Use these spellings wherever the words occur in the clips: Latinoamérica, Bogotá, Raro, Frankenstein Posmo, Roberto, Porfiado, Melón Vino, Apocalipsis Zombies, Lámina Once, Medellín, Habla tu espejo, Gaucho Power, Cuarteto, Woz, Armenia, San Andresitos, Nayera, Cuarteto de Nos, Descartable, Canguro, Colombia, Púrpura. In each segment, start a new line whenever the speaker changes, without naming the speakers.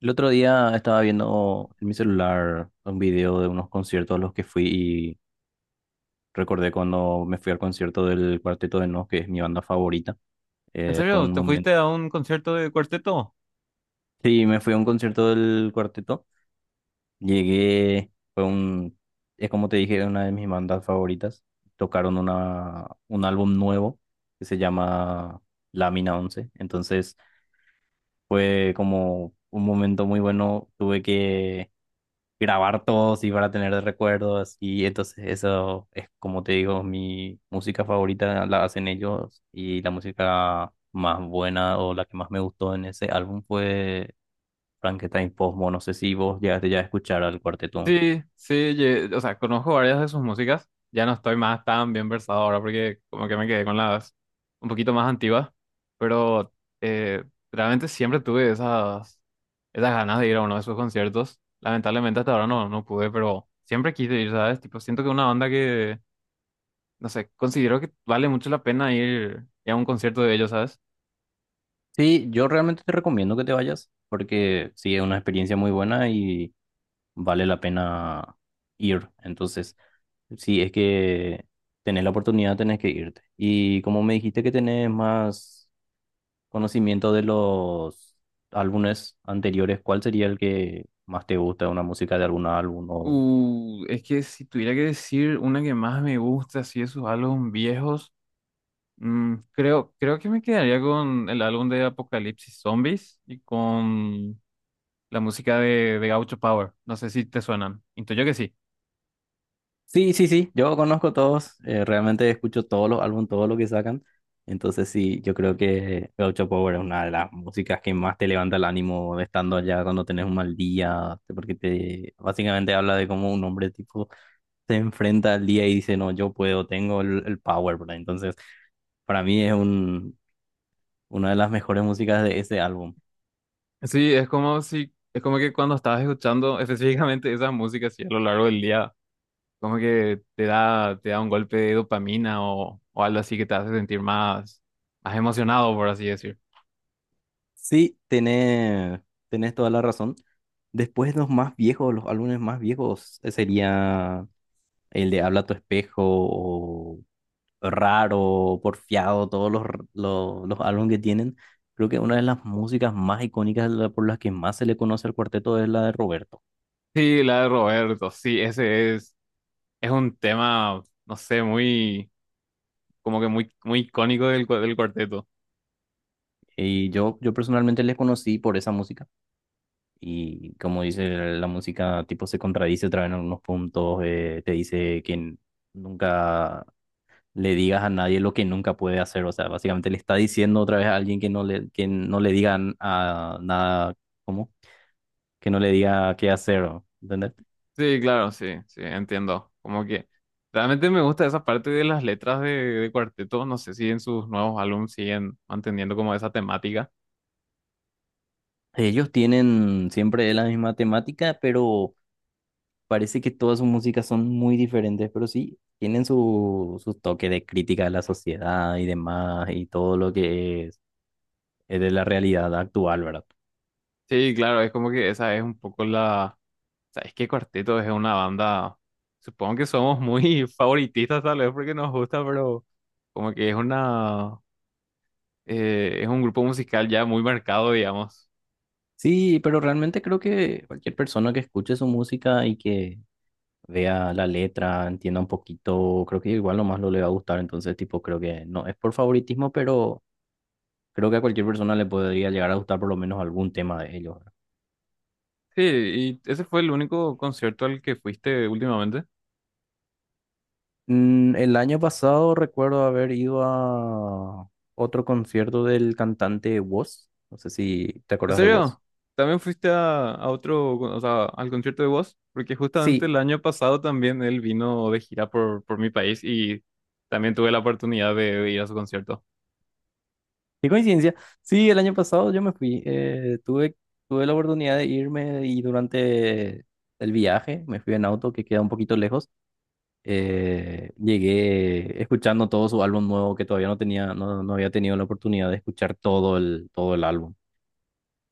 El otro día estaba viendo en mi celular un video de unos conciertos a los que fui y recordé cuando me fui al concierto del Cuarteto de Nos, que es mi banda favorita.
¿En
Fue
serio?
un
¿Te
momento.
fuiste a un concierto de cuarteto?
Sí, me fui a un concierto del Cuarteto. Llegué, es como te dije, una de mis bandas favoritas. Tocaron un álbum nuevo que se llama Lámina Once. Entonces fue como un momento muy bueno. Tuve que grabar todos y para tener de recuerdos. Y entonces eso es, como te digo, mi música favorita la hacen ellos y la música más buena o la que más me gustó en ese álbum fue Frankenstein Posmo. No sé si vos llegaste ya a escuchar al cuarteto.
Sí, sí, o sea, conozco varias de sus músicas. Ya no estoy más tan bien versado ahora porque como que me quedé con las un poquito más antiguas, pero eh, realmente siempre tuve esas ganas de ir a uno de sus conciertos. Lamentablemente hasta ahora no, no pude, pero siempre quise ir, ¿sabes? Tipo, siento que una banda que, no sé, considero que vale mucho la pena ir a un concierto de ellos, ¿sabes?
Sí, yo realmente te recomiendo que te vayas porque sí, es una experiencia muy buena y vale la pena ir. Entonces, sí, es que tenés la oportunidad, tenés que irte. Y como me dijiste que tenés más conocimiento de los álbumes anteriores, ¿cuál sería el que más te gusta, una música de algún álbum o...
Es que si tuviera que decir una que más me gusta, si esos álbumes viejos, mm, creo que me quedaría con el álbum de Apocalipsis Zombies y con la música de Gaucho Power. No sé si te suenan. Intuyo que sí.
Sí, sí, sí, yo conozco todos, realmente escucho todos los álbumes, todo lo que sacan, entonces sí, yo creo que Gaucho Power es una de las músicas que más te levanta el ánimo estando allá cuando tenés un mal día, porque te básicamente habla de cómo un hombre tipo se enfrenta al día y dice, no, yo puedo, tengo el power, ¿verdad? Entonces, para mí es una de las mejores músicas de ese álbum.
Sí, es como si, es como que cuando estabas escuchando específicamente esas músicas así a lo largo del día, como que te te da un golpe de dopamina o algo así que te hace sentir más, más emocionado, por así decir.
Sí, tenés toda la razón. Después los más viejos, los álbumes más viejos, sería el de Habla tu espejo o Raro, Porfiado, todos los álbumes que tienen. Creo que una de las músicas más icónicas por las que más se le conoce al cuarteto es la de Roberto.
Sí, la de Roberto, sí, ese es. Es un tema, no sé, muy, como que muy, muy icónico del cuarteto.
Y yo personalmente les conocí por esa música. Y como dice, la música tipo se contradice otra vez en algunos puntos, te dice que nunca le digas a nadie lo que nunca puede hacer. O sea, básicamente le está diciendo otra vez a alguien que no le digan a nada, ¿cómo? Que no le diga qué hacer, ¿o? ¿Entendés?
Sí, claro, sí, sí, entiendo. Como que realmente me gusta esa parte de las letras de cuarteto. No sé si en sus nuevos álbumes siguen manteniendo como esa temática.
Ellos tienen siempre la misma temática, pero parece que todas sus músicas son muy diferentes, pero sí tienen su, su toque de crítica a la sociedad y demás, y todo lo que es de la realidad actual, ¿verdad?
Sí, claro, es como que esa es un poco la... ¿Sabes qué? Cuarteto es una banda, supongo que somos muy favoritistas tal vez porque nos gusta, pero como que es una... es un grupo musical ya muy marcado, digamos.
Sí, pero realmente creo que cualquier persona que escuche su música y que vea la letra, entienda un poquito, creo que igual nomás lo le va a gustar, entonces tipo creo que no es por favoritismo, pero creo que a cualquier persona le podría llegar a gustar por lo menos algún tema de ellos, ¿verdad?
Sí, y ese fue el único concierto al que fuiste últimamente.
El año pasado recuerdo haber ido a otro concierto del cantante Woz, no sé si te
¿En
acuerdas de Woz.
serio? ¿También fuiste a otro, o sea, al concierto de Woz? Porque justamente
Sí,
el año pasado también él vino de gira por mi país y también tuve la oportunidad de ir a su concierto.
qué coincidencia. Sí, el año pasado yo me fui, tuve la oportunidad de irme y durante el viaje me fui en auto que queda un poquito lejos. Llegué escuchando todo su álbum nuevo que todavía no tenía, no, no había tenido la oportunidad de escuchar todo el álbum.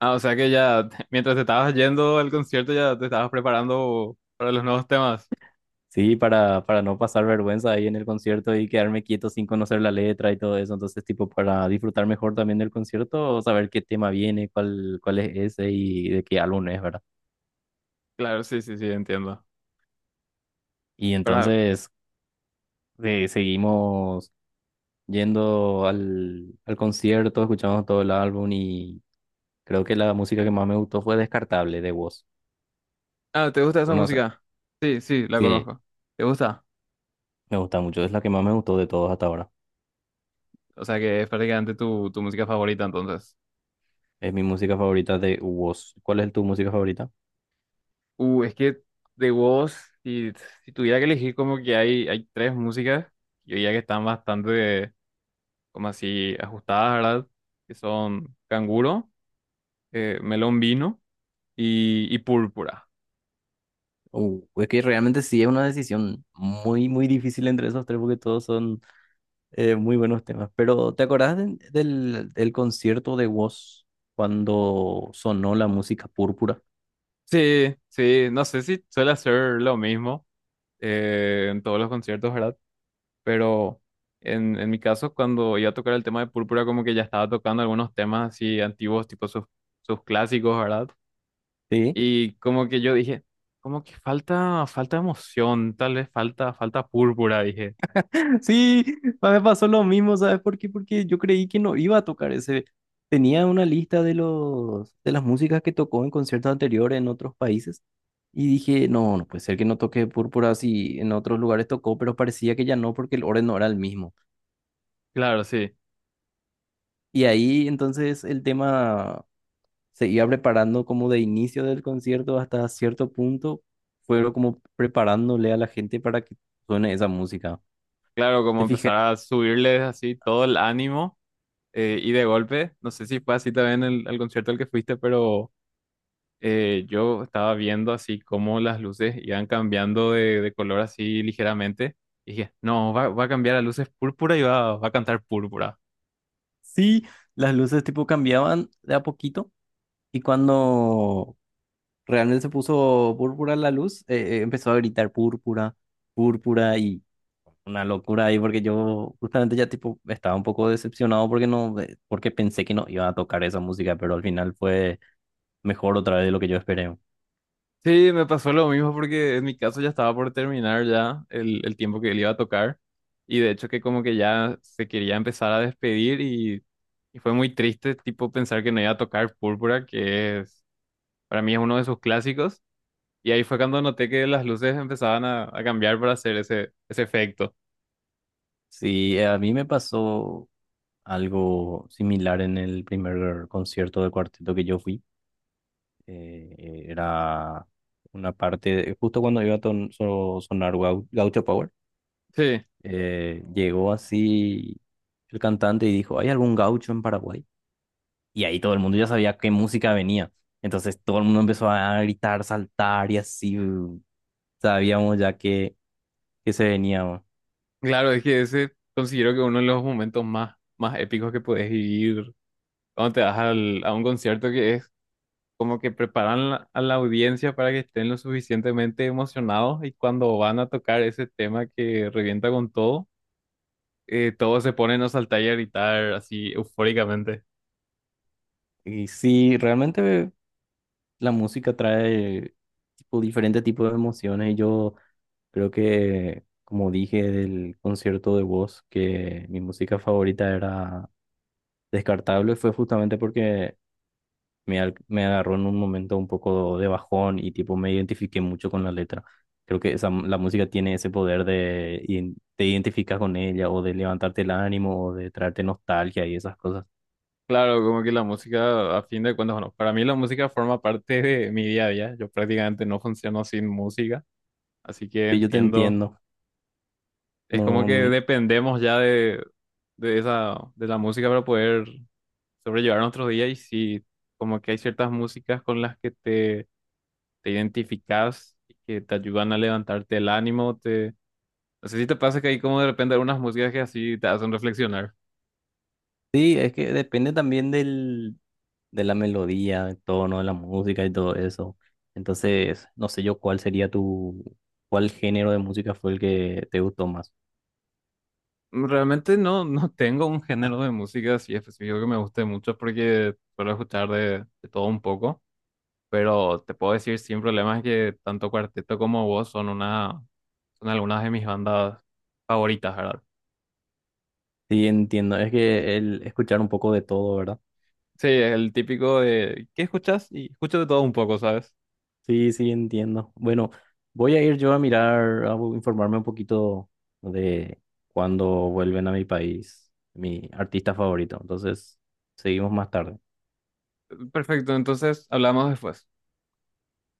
Ah, o sea que ya, mientras te estabas yendo al concierto, ya te estabas preparando para los nuevos temas.
Sí, para no pasar vergüenza ahí en el concierto y quedarme quieto sin conocer la letra y todo eso. Entonces, tipo, para disfrutar mejor también del concierto, saber qué tema viene, cuál, cuál es ese y de qué álbum es, ¿verdad?
Claro, sí, sí, sí, entiendo.
Y
Pero,
entonces seguimos yendo al, al concierto, escuchamos todo el álbum y creo que la música que más me gustó fue Descartable de Woz.
ah, ¿te gusta esa
¿Conocen?
música? Sí, sí, la
Sí,
conozco. ¿Te gusta?
me gusta mucho, es la que más me gustó de todos hasta ahora.
O sea que es prácticamente tu, tu música favorita entonces.
Es mi música favorita de Woz. ¿Cuál es tu música favorita?
Es que de vos, si, si tuviera que elegir como que hay tres músicas, yo diría que están bastante como así ajustadas, ¿verdad? Que son Canguro, Melón Vino y Púrpura.
Es que realmente sí es una decisión muy, muy difícil entre esos tres porque todos son muy buenos temas. Pero ¿te acordás del, del concierto de Woz cuando sonó la música púrpura?
Sí, sí, no sé si suele hacer lo mismo en todos los conciertos, ¿verdad? Pero en mi caso, cuando iba a tocar el tema de Púrpura, como que ya estaba tocando algunos temas así antiguos, tipo sus, sus clásicos, ¿verdad?
Sí.
Y como que yo dije, como que falta, falta emoción, tal vez falta, falta Púrpura, dije.
Sí, a mí me pasó lo mismo, ¿sabes por qué? Porque yo creí que no iba a tocar ese. Tenía una lista de los de las músicas que tocó en conciertos anteriores en otros países y dije, no, no puede ser que no toque Púrpura si en otros lugares tocó, pero parecía que ya no porque el orden no era el mismo.
Claro, sí,
Y ahí entonces el tema se iba preparando como de inicio del concierto hasta cierto punto, fueron como preparándole a la gente para que suene esa música.
claro, como
¿Te
empezar
fijas?
a subirles así todo el ánimo. Y de golpe, no sé si fue así también el concierto al que fuiste, pero... yo estaba viendo así cómo las luces iban cambiando de color así ligeramente. Y dije, no, va, va a cambiar a luces púrpura y va, va a cantar púrpura.
Sí, las luces tipo cambiaban de a poquito. Y cuando realmente se puso púrpura la luz, empezó a gritar púrpura, púrpura y una locura ahí porque yo justamente ya tipo estaba un poco decepcionado porque no, porque pensé que no iba a tocar esa música, pero al final fue mejor otra vez de lo que yo esperé.
Sí, me pasó lo mismo porque en mi caso ya estaba por terminar ya el tiempo que él iba a tocar. Y de hecho que como que ya se quería empezar a despedir y fue muy triste tipo pensar que no iba a tocar púrpura, que es, para mí es uno de sus clásicos. Y ahí fue cuando noté que las luces empezaban a cambiar para hacer ese, ese efecto.
Sí, a mí me pasó algo similar en el primer concierto del cuarteto que yo fui. Era una parte, justo cuando iba a sonar Gaucho Power.
Sí.
Llegó así el cantante y dijo, ¿hay algún gaucho en Paraguay? Y ahí todo el mundo ya sabía qué música venía. Entonces todo el mundo empezó a gritar, saltar y así sabíamos ya que se venía, ¿no?
Claro, es que ese considero que uno de los momentos más, más épicos que puedes vivir cuando te vas a un concierto que es como que preparan a la audiencia para que estén lo suficientemente emocionados y cuando van a tocar ese tema que revienta con todo, todos se ponen a saltar y a gritar así eufóricamente.
Y sí, realmente la música trae tipo, diferentes tipos de emociones y yo creo que, como dije del concierto de voz que mi música favorita era Descartable, fue justamente porque me agarró en un momento un poco de bajón y tipo me identifiqué mucho con la letra. Creo que esa, la música tiene ese poder de te identificas con ella o de levantarte el ánimo o de traerte nostalgia y esas cosas.
Claro, como que la música, a fin de cuentas, bueno, para mí la música forma parte de mi día a día. Yo prácticamente no funciono sin música, así que
Sí, yo te
entiendo.
entiendo.
Es como
No,
que dependemos ya de esa, de la música para poder sobrellevar nuestros días y sí, como que hay ciertas músicas con las que te identificas y que te ayudan a levantarte el ánimo, te... No sé si te pasa que hay como de repente algunas músicas que así te hacen reflexionar.
sí, es que depende también del, de la melodía, del tono de la música y todo eso. Entonces, no sé yo cuál sería tu, cuál género de música fue el que te gustó más.
Realmente no, no tengo un género de música así específico que me guste mucho porque suelo escuchar de todo un poco. Pero te puedo decir sin problemas que tanto Cuarteto como vos son una, son algunas de mis bandas favoritas, ¿verdad?
Sí, entiendo. Es que el escuchar un poco de todo, ¿verdad?
Sí, el típico de ¿qué escuchas? Y escucho de todo un poco, ¿sabes?
Sí, sí, entiendo. Bueno, voy a ir yo a mirar, a informarme un poquito de cuándo vuelven a mi país, mi artista favorito. Entonces, seguimos más tarde.
Perfecto, entonces hablamos después.